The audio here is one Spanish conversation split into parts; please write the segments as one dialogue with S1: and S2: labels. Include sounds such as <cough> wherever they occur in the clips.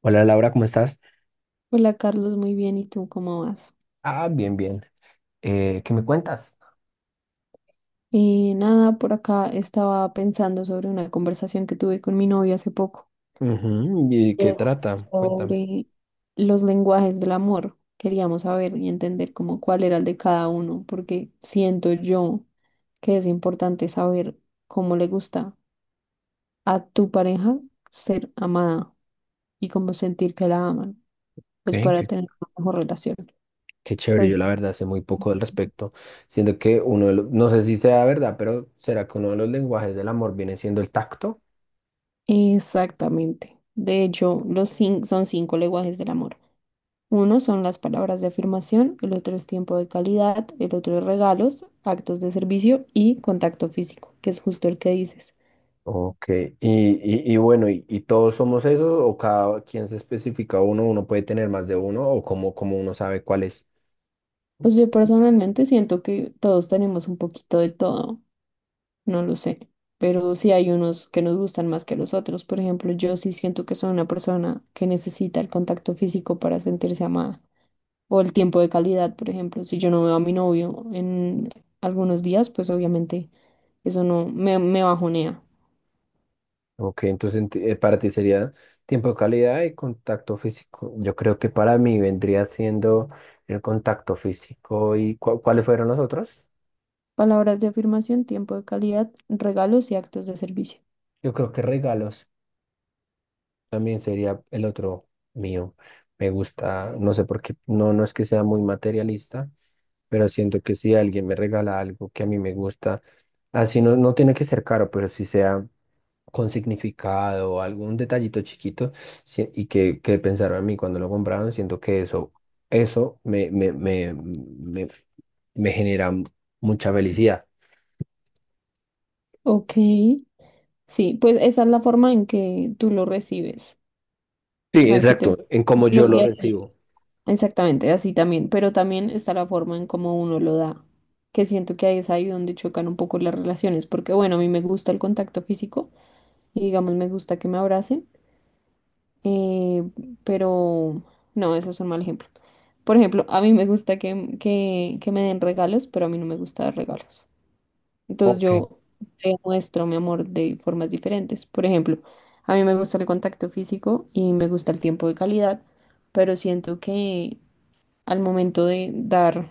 S1: Hola Laura, ¿cómo estás?
S2: Hola Carlos, muy bien. ¿Y tú cómo vas?
S1: Ah, bien, bien. ¿Qué me cuentas?
S2: Nada, por acá estaba pensando sobre una conversación que tuve con mi novio hace poco,
S1: Ujú. ¿Y
S2: y
S1: qué
S2: es
S1: trata? Cuéntame.
S2: sobre los lenguajes del amor. Queríamos saber y entender cómo, cuál era el de cada uno, porque siento yo que es importante saber cómo le gusta a tu pareja ser amada y cómo sentir que la aman,
S1: Ok.
S2: pues para
S1: qué-
S2: tener una mejor relación.
S1: Qué chévere, yo
S2: Entonces,
S1: la verdad sé muy poco al respecto, siendo que uno de los, no sé si sea verdad, pero ¿será que uno de los lenguajes del amor viene siendo el tacto?
S2: exactamente. De hecho, los son cinco lenguajes del amor. Uno son las palabras de afirmación, el otro es tiempo de calidad, el otro es regalos, actos de servicio y contacto físico, que es justo el que dices.
S1: Ok, y bueno, ¿y todos somos esos o cada quien se especifica uno? ¿Uno puede tener más de uno o cómo uno sabe cuál es?
S2: Pues yo personalmente siento que todos tenemos un poquito de todo, no lo sé, pero sí hay unos que nos gustan más que los otros. Por ejemplo, yo sí siento que soy una persona que necesita el contacto físico para sentirse amada o el tiempo de calidad, por ejemplo. Si yo no veo a mi novio en algunos días, pues obviamente eso no me bajonea.
S1: Ok, entonces para ti sería tiempo de calidad y contacto físico. Yo creo que para mí vendría siendo el contacto físico y ¿cuáles fueron los otros?
S2: Palabras de afirmación, tiempo de calidad, regalos y actos de servicio.
S1: Yo creo que regalos también sería el otro mío. Me gusta, no sé por qué, no, no es que sea muy materialista, pero siento que si alguien me regala algo que a mí me gusta, así no, no tiene que ser caro, pero si sea con significado o algún detallito chiquito sí, y que pensaron en mí cuando lo compraron, siento que eso me genera mucha felicidad.
S2: Ok, sí, pues esa es la forma en que tú lo recibes,
S1: Sí,
S2: o sea, en que te
S1: exacto,
S2: gusta
S1: en cómo yo lo
S2: y así,
S1: recibo.
S2: exactamente, así también, pero también está la forma en cómo uno lo da, que siento que ahí es ahí donde chocan un poco las relaciones, porque bueno, a mí me gusta el contacto físico y digamos me gusta que me abracen, eh, pero no, eso es un mal ejemplo. Por ejemplo, a mí me gusta que me den regalos, pero a mí no me gusta dar regalos. Entonces yo te muestro mi amor de formas diferentes. Por ejemplo, a mí me gusta el contacto físico y me gusta el tiempo de calidad, pero siento que al momento de dar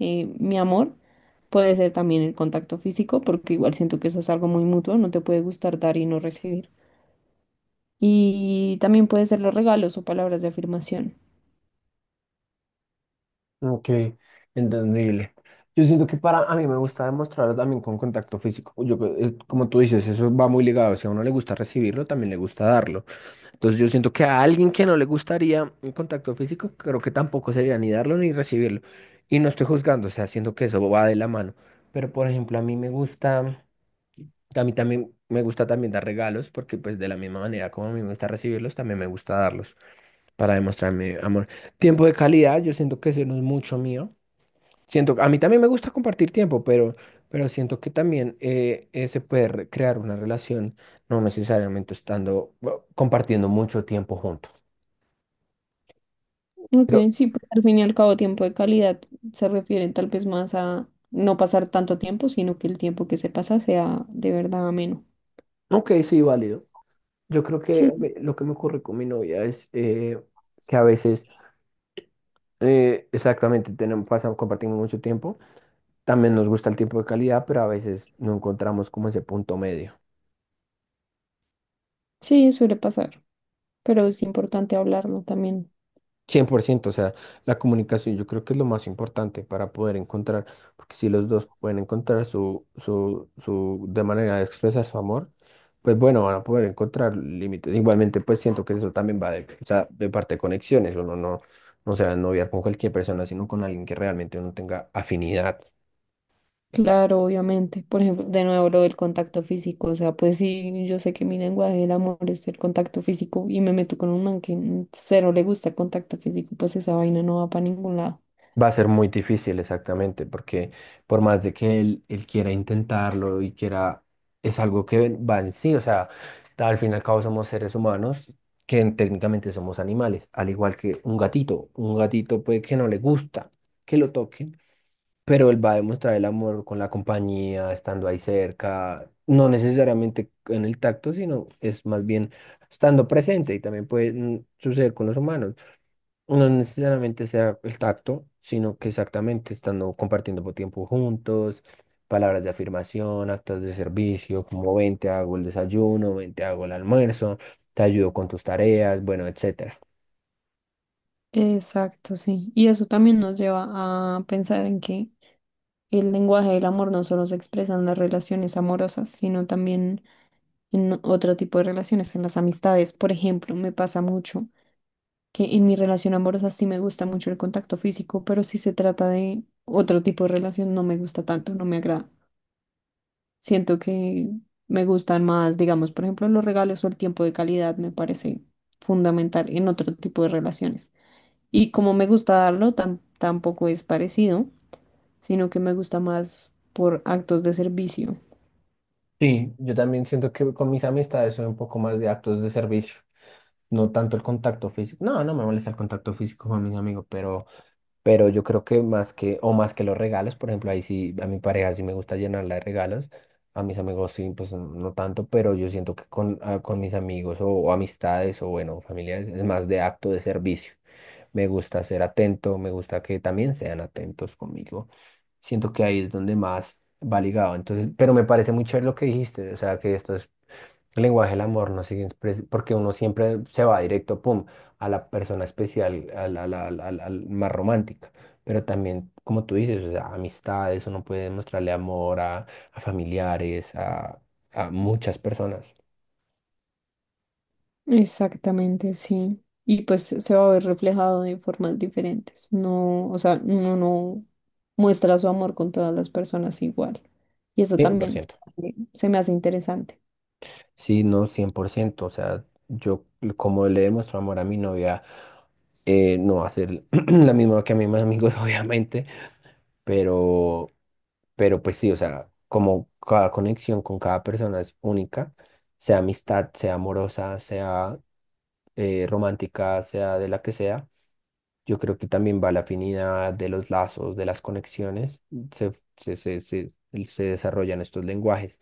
S2: mi amor puede ser también el contacto físico, porque igual siento que eso es algo muy mutuo, no te puede gustar dar y no recibir. Y también puede ser los regalos o palabras de afirmación.
S1: Ok, entendible. Yo siento que para a mí me gusta demostrarlo también con contacto físico. Yo, como tú dices, eso va muy ligado. Si a uno le gusta recibirlo, también le gusta darlo. Entonces yo siento que a alguien que no le gustaría un contacto físico, creo que tampoco sería ni darlo ni recibirlo. Y no estoy juzgando, o sea, siento que eso va de la mano. Pero por ejemplo, a mí también me gusta también dar regalos, porque pues de la misma manera como a mí me gusta recibirlos, también me gusta darlos para demostrar mi amor. Tiempo de calidad, yo siento que eso no es mucho mío. A mí también me gusta compartir tiempo, pero siento que también se puede crear una relación, no necesariamente estando, bueno, compartiendo mucho tiempo juntos.
S2: Ok,
S1: Pero,
S2: sí, pues al fin y al cabo tiempo de calidad se refiere tal vez más a no pasar tanto tiempo, sino que el tiempo que se pasa sea de verdad ameno.
S1: ok, sí, válido. Yo creo que
S2: Sí,
S1: lo que me ocurre con mi novia es que a veces, exactamente, tenemos, pasamos, compartimos mucho tiempo. También nos gusta el tiempo de calidad, pero a veces no encontramos como ese punto medio.
S2: sí, suele pasar, pero es importante hablarlo también.
S1: 100%, o sea, la comunicación yo creo que es lo más importante para poder encontrar, porque si los dos pueden encontrar su de manera de expresar su amor, pues bueno, van a poder encontrar límites. Igualmente, pues siento que eso también va de, o sea, de parte de conexiones, uno no, no se va a noviar con cualquier persona, sino con alguien que realmente uno tenga afinidad.
S2: Claro, obviamente. Por ejemplo, de nuevo lo del contacto físico, o sea, pues sí, yo sé que mi lenguaje del amor es el contacto físico y me meto con un man que cero le gusta el contacto físico, pues esa vaina no va para ningún lado.
S1: Va a ser muy difícil, exactamente, porque por más de que él quiera intentarlo y quiera, es algo que va en sí, o sea, al fin y al cabo somos seres humanos que técnicamente somos animales, al igual que un gatito. Un gatito puede que no le gusta que lo toquen, pero él va a demostrar el amor con la compañía, estando ahí cerca, no necesariamente en el tacto, sino es más bien estando presente y también puede suceder con los humanos. No necesariamente sea el tacto, sino que exactamente estando compartiendo por tiempo juntos, palabras de afirmación, actos de servicio, como ven, te hago el desayuno, ven, te hago el almuerzo, te ayudo con tus tareas, bueno, etcétera.
S2: Exacto, sí. Y eso también nos lleva a pensar en que el lenguaje del amor no solo se expresa en las relaciones amorosas, sino también en otro tipo de relaciones, en las amistades. Por ejemplo, me pasa mucho que en mi relación amorosa sí me gusta mucho el contacto físico, pero si se trata de otro tipo de relación no me gusta tanto, no me agrada. Siento que me gustan más, digamos, por ejemplo, los regalos, o el tiempo de calidad me parece fundamental en otro tipo de relaciones. Y como me gusta darlo, tampoco es parecido, sino que me gusta más por actos de servicio.
S1: Sí, yo también siento que con mis amistades soy un poco más de actos de servicio, no tanto el contacto físico. No, no me molesta el contacto físico con mis amigos, pero yo creo que más que, o más que los regalos, por ejemplo, ahí sí, a mi pareja sí me gusta llenarla de regalos, a mis amigos sí, pues no no tanto, pero yo siento que con mis amigos o amistades o bueno, familiares es más de acto de servicio. Me gusta ser atento, me gusta que también sean atentos conmigo. Siento que ahí es donde más va ligado. Entonces, pero me parece muy chévere lo que dijiste, o sea, que esto es el lenguaje del amor, no sé, porque uno siempre se va directo, pum, a la persona especial, al más romántica. Pero también, como tú dices, o sea, amistades, uno puede demostrarle amor a familiares, a muchas personas.
S2: Exactamente, sí. Y pues se va a ver reflejado de formas diferentes. No, o sea, uno no muestra su amor con todas las personas igual. Y eso
S1: cien por
S2: también se
S1: ciento
S2: me se me hace interesante.
S1: Sí, no, 100%, o sea, yo como le demuestro amor a mi novia, no va a ser <clears throat> la misma que a mis amigos, <laughs> obviamente, pero... Pero pues sí, o sea, como cada conexión con cada persona es única, sea amistad, sea amorosa, sea romántica, sea de la que sea, yo creo que también va la afinidad de los lazos, de las conexiones, se, se, se, se, se desarrollan estos lenguajes.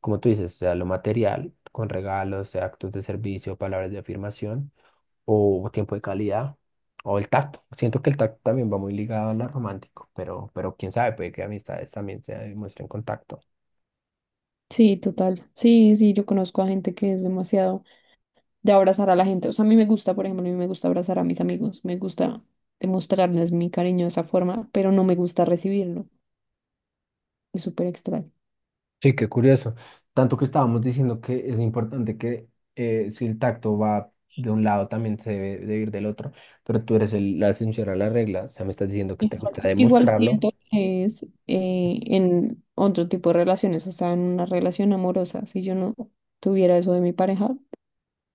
S1: Como tú dices, sea lo material, con regalos, sea actos de servicio, palabras de afirmación, o tiempo de calidad, o el tacto. Siento que el tacto también va muy ligado a lo romántico, pero quién sabe, puede que amistades también se demuestren contacto.
S2: Sí, total. Sí, sí, yo conozco a gente que es demasiado de abrazar a la gente. O sea, a mí me gusta, por ejemplo, a mí me gusta abrazar a mis amigos. Me gusta demostrarles mi cariño de esa forma, pero no me gusta recibirlo. Es súper extraño.
S1: Sí, qué curioso. Tanto que estábamos diciendo que es importante que si el tacto va de un lado, también se debe de ir del otro, pero tú eres la excepción a la regla, o sea, me estás diciendo que te gusta
S2: Exacto. Igual
S1: demostrarlo.
S2: siento que es en otro tipo de relaciones, o sea, en una relación amorosa. Si yo no tuviera eso de mi pareja,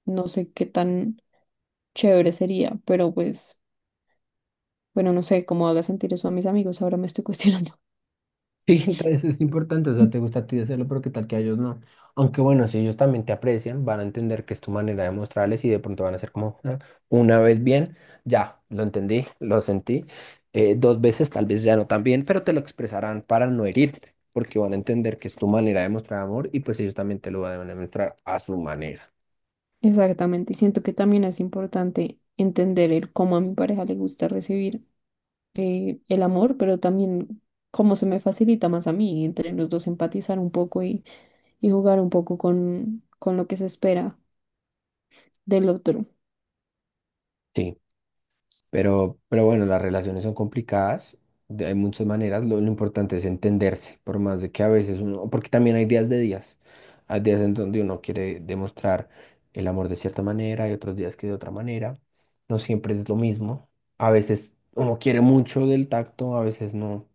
S2: no sé qué tan chévere sería, pero pues, bueno, no sé cómo haga sentir eso a mis amigos, ahora me estoy cuestionando.
S1: Sí, <laughs> entonces es importante, o sea, te gusta a ti hacerlo, pero qué tal que a ellos no. Aunque bueno, si ellos también te aprecian, van a entender que es tu manera de mostrarles y de pronto van a ser como, "Ah, una vez bien, ya, lo entendí, lo sentí, dos veces tal vez ya no tan bien", pero te lo expresarán para no herirte, porque van a entender que es tu manera de mostrar amor y pues ellos también te lo van a demostrar a su manera.
S2: <laughs> Exactamente, y siento que también es importante entender el cómo a mi pareja le gusta recibir el amor, pero también cómo se me facilita más a mí, entre los dos empatizar un poco y jugar un poco con lo que se espera del otro.
S1: Sí. Pero bueno, las relaciones son complicadas, hay muchas maneras, lo importante es entenderse, por más de que a veces uno, porque también hay días de días, hay días en donde uno quiere demostrar el amor de cierta manera y otros días que de otra manera, no siempre es lo mismo, a veces uno quiere mucho del tacto, a veces no.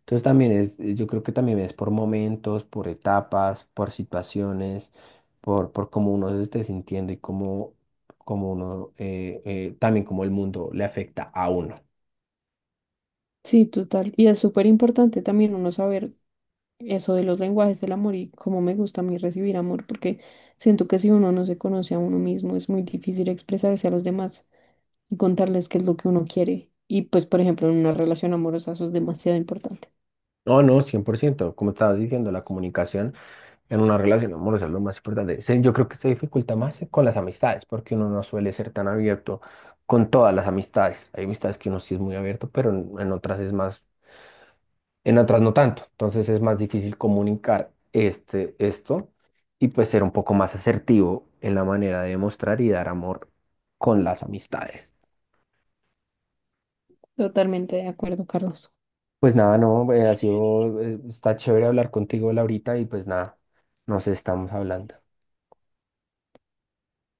S1: Entonces también es, yo creo que también es por momentos, por etapas, por situaciones, por cómo uno se esté sintiendo y cómo uno, también cómo el mundo le afecta a uno.
S2: Sí, total. Y es súper importante también uno saber eso de los lenguajes del amor y cómo me gusta a mí recibir amor, porque siento que si uno no se conoce a uno mismo, es muy difícil expresarse a los demás y contarles qué es lo que uno quiere. Y pues, por ejemplo, en una relación amorosa eso es demasiado importante.
S1: No, no, 100% como estabas diciendo, la comunicación en una relación amorosa es lo más importante. Yo creo que se dificulta más con las amistades, porque uno no suele ser tan abierto con todas las amistades. Hay amistades que uno sí es muy abierto, pero en otras es más en otras no tanto. Entonces es más difícil comunicar esto y pues ser un poco más asertivo en la manera de mostrar y dar amor con las amistades.
S2: Totalmente de acuerdo, Carlos.
S1: Pues nada, no, ha sido, está chévere hablar contigo, Laurita, y pues nada, nos estamos hablando.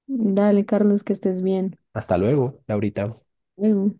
S2: Dale, Carlos, que estés bien.
S1: Hasta luego, Laurita.
S2: Bueno.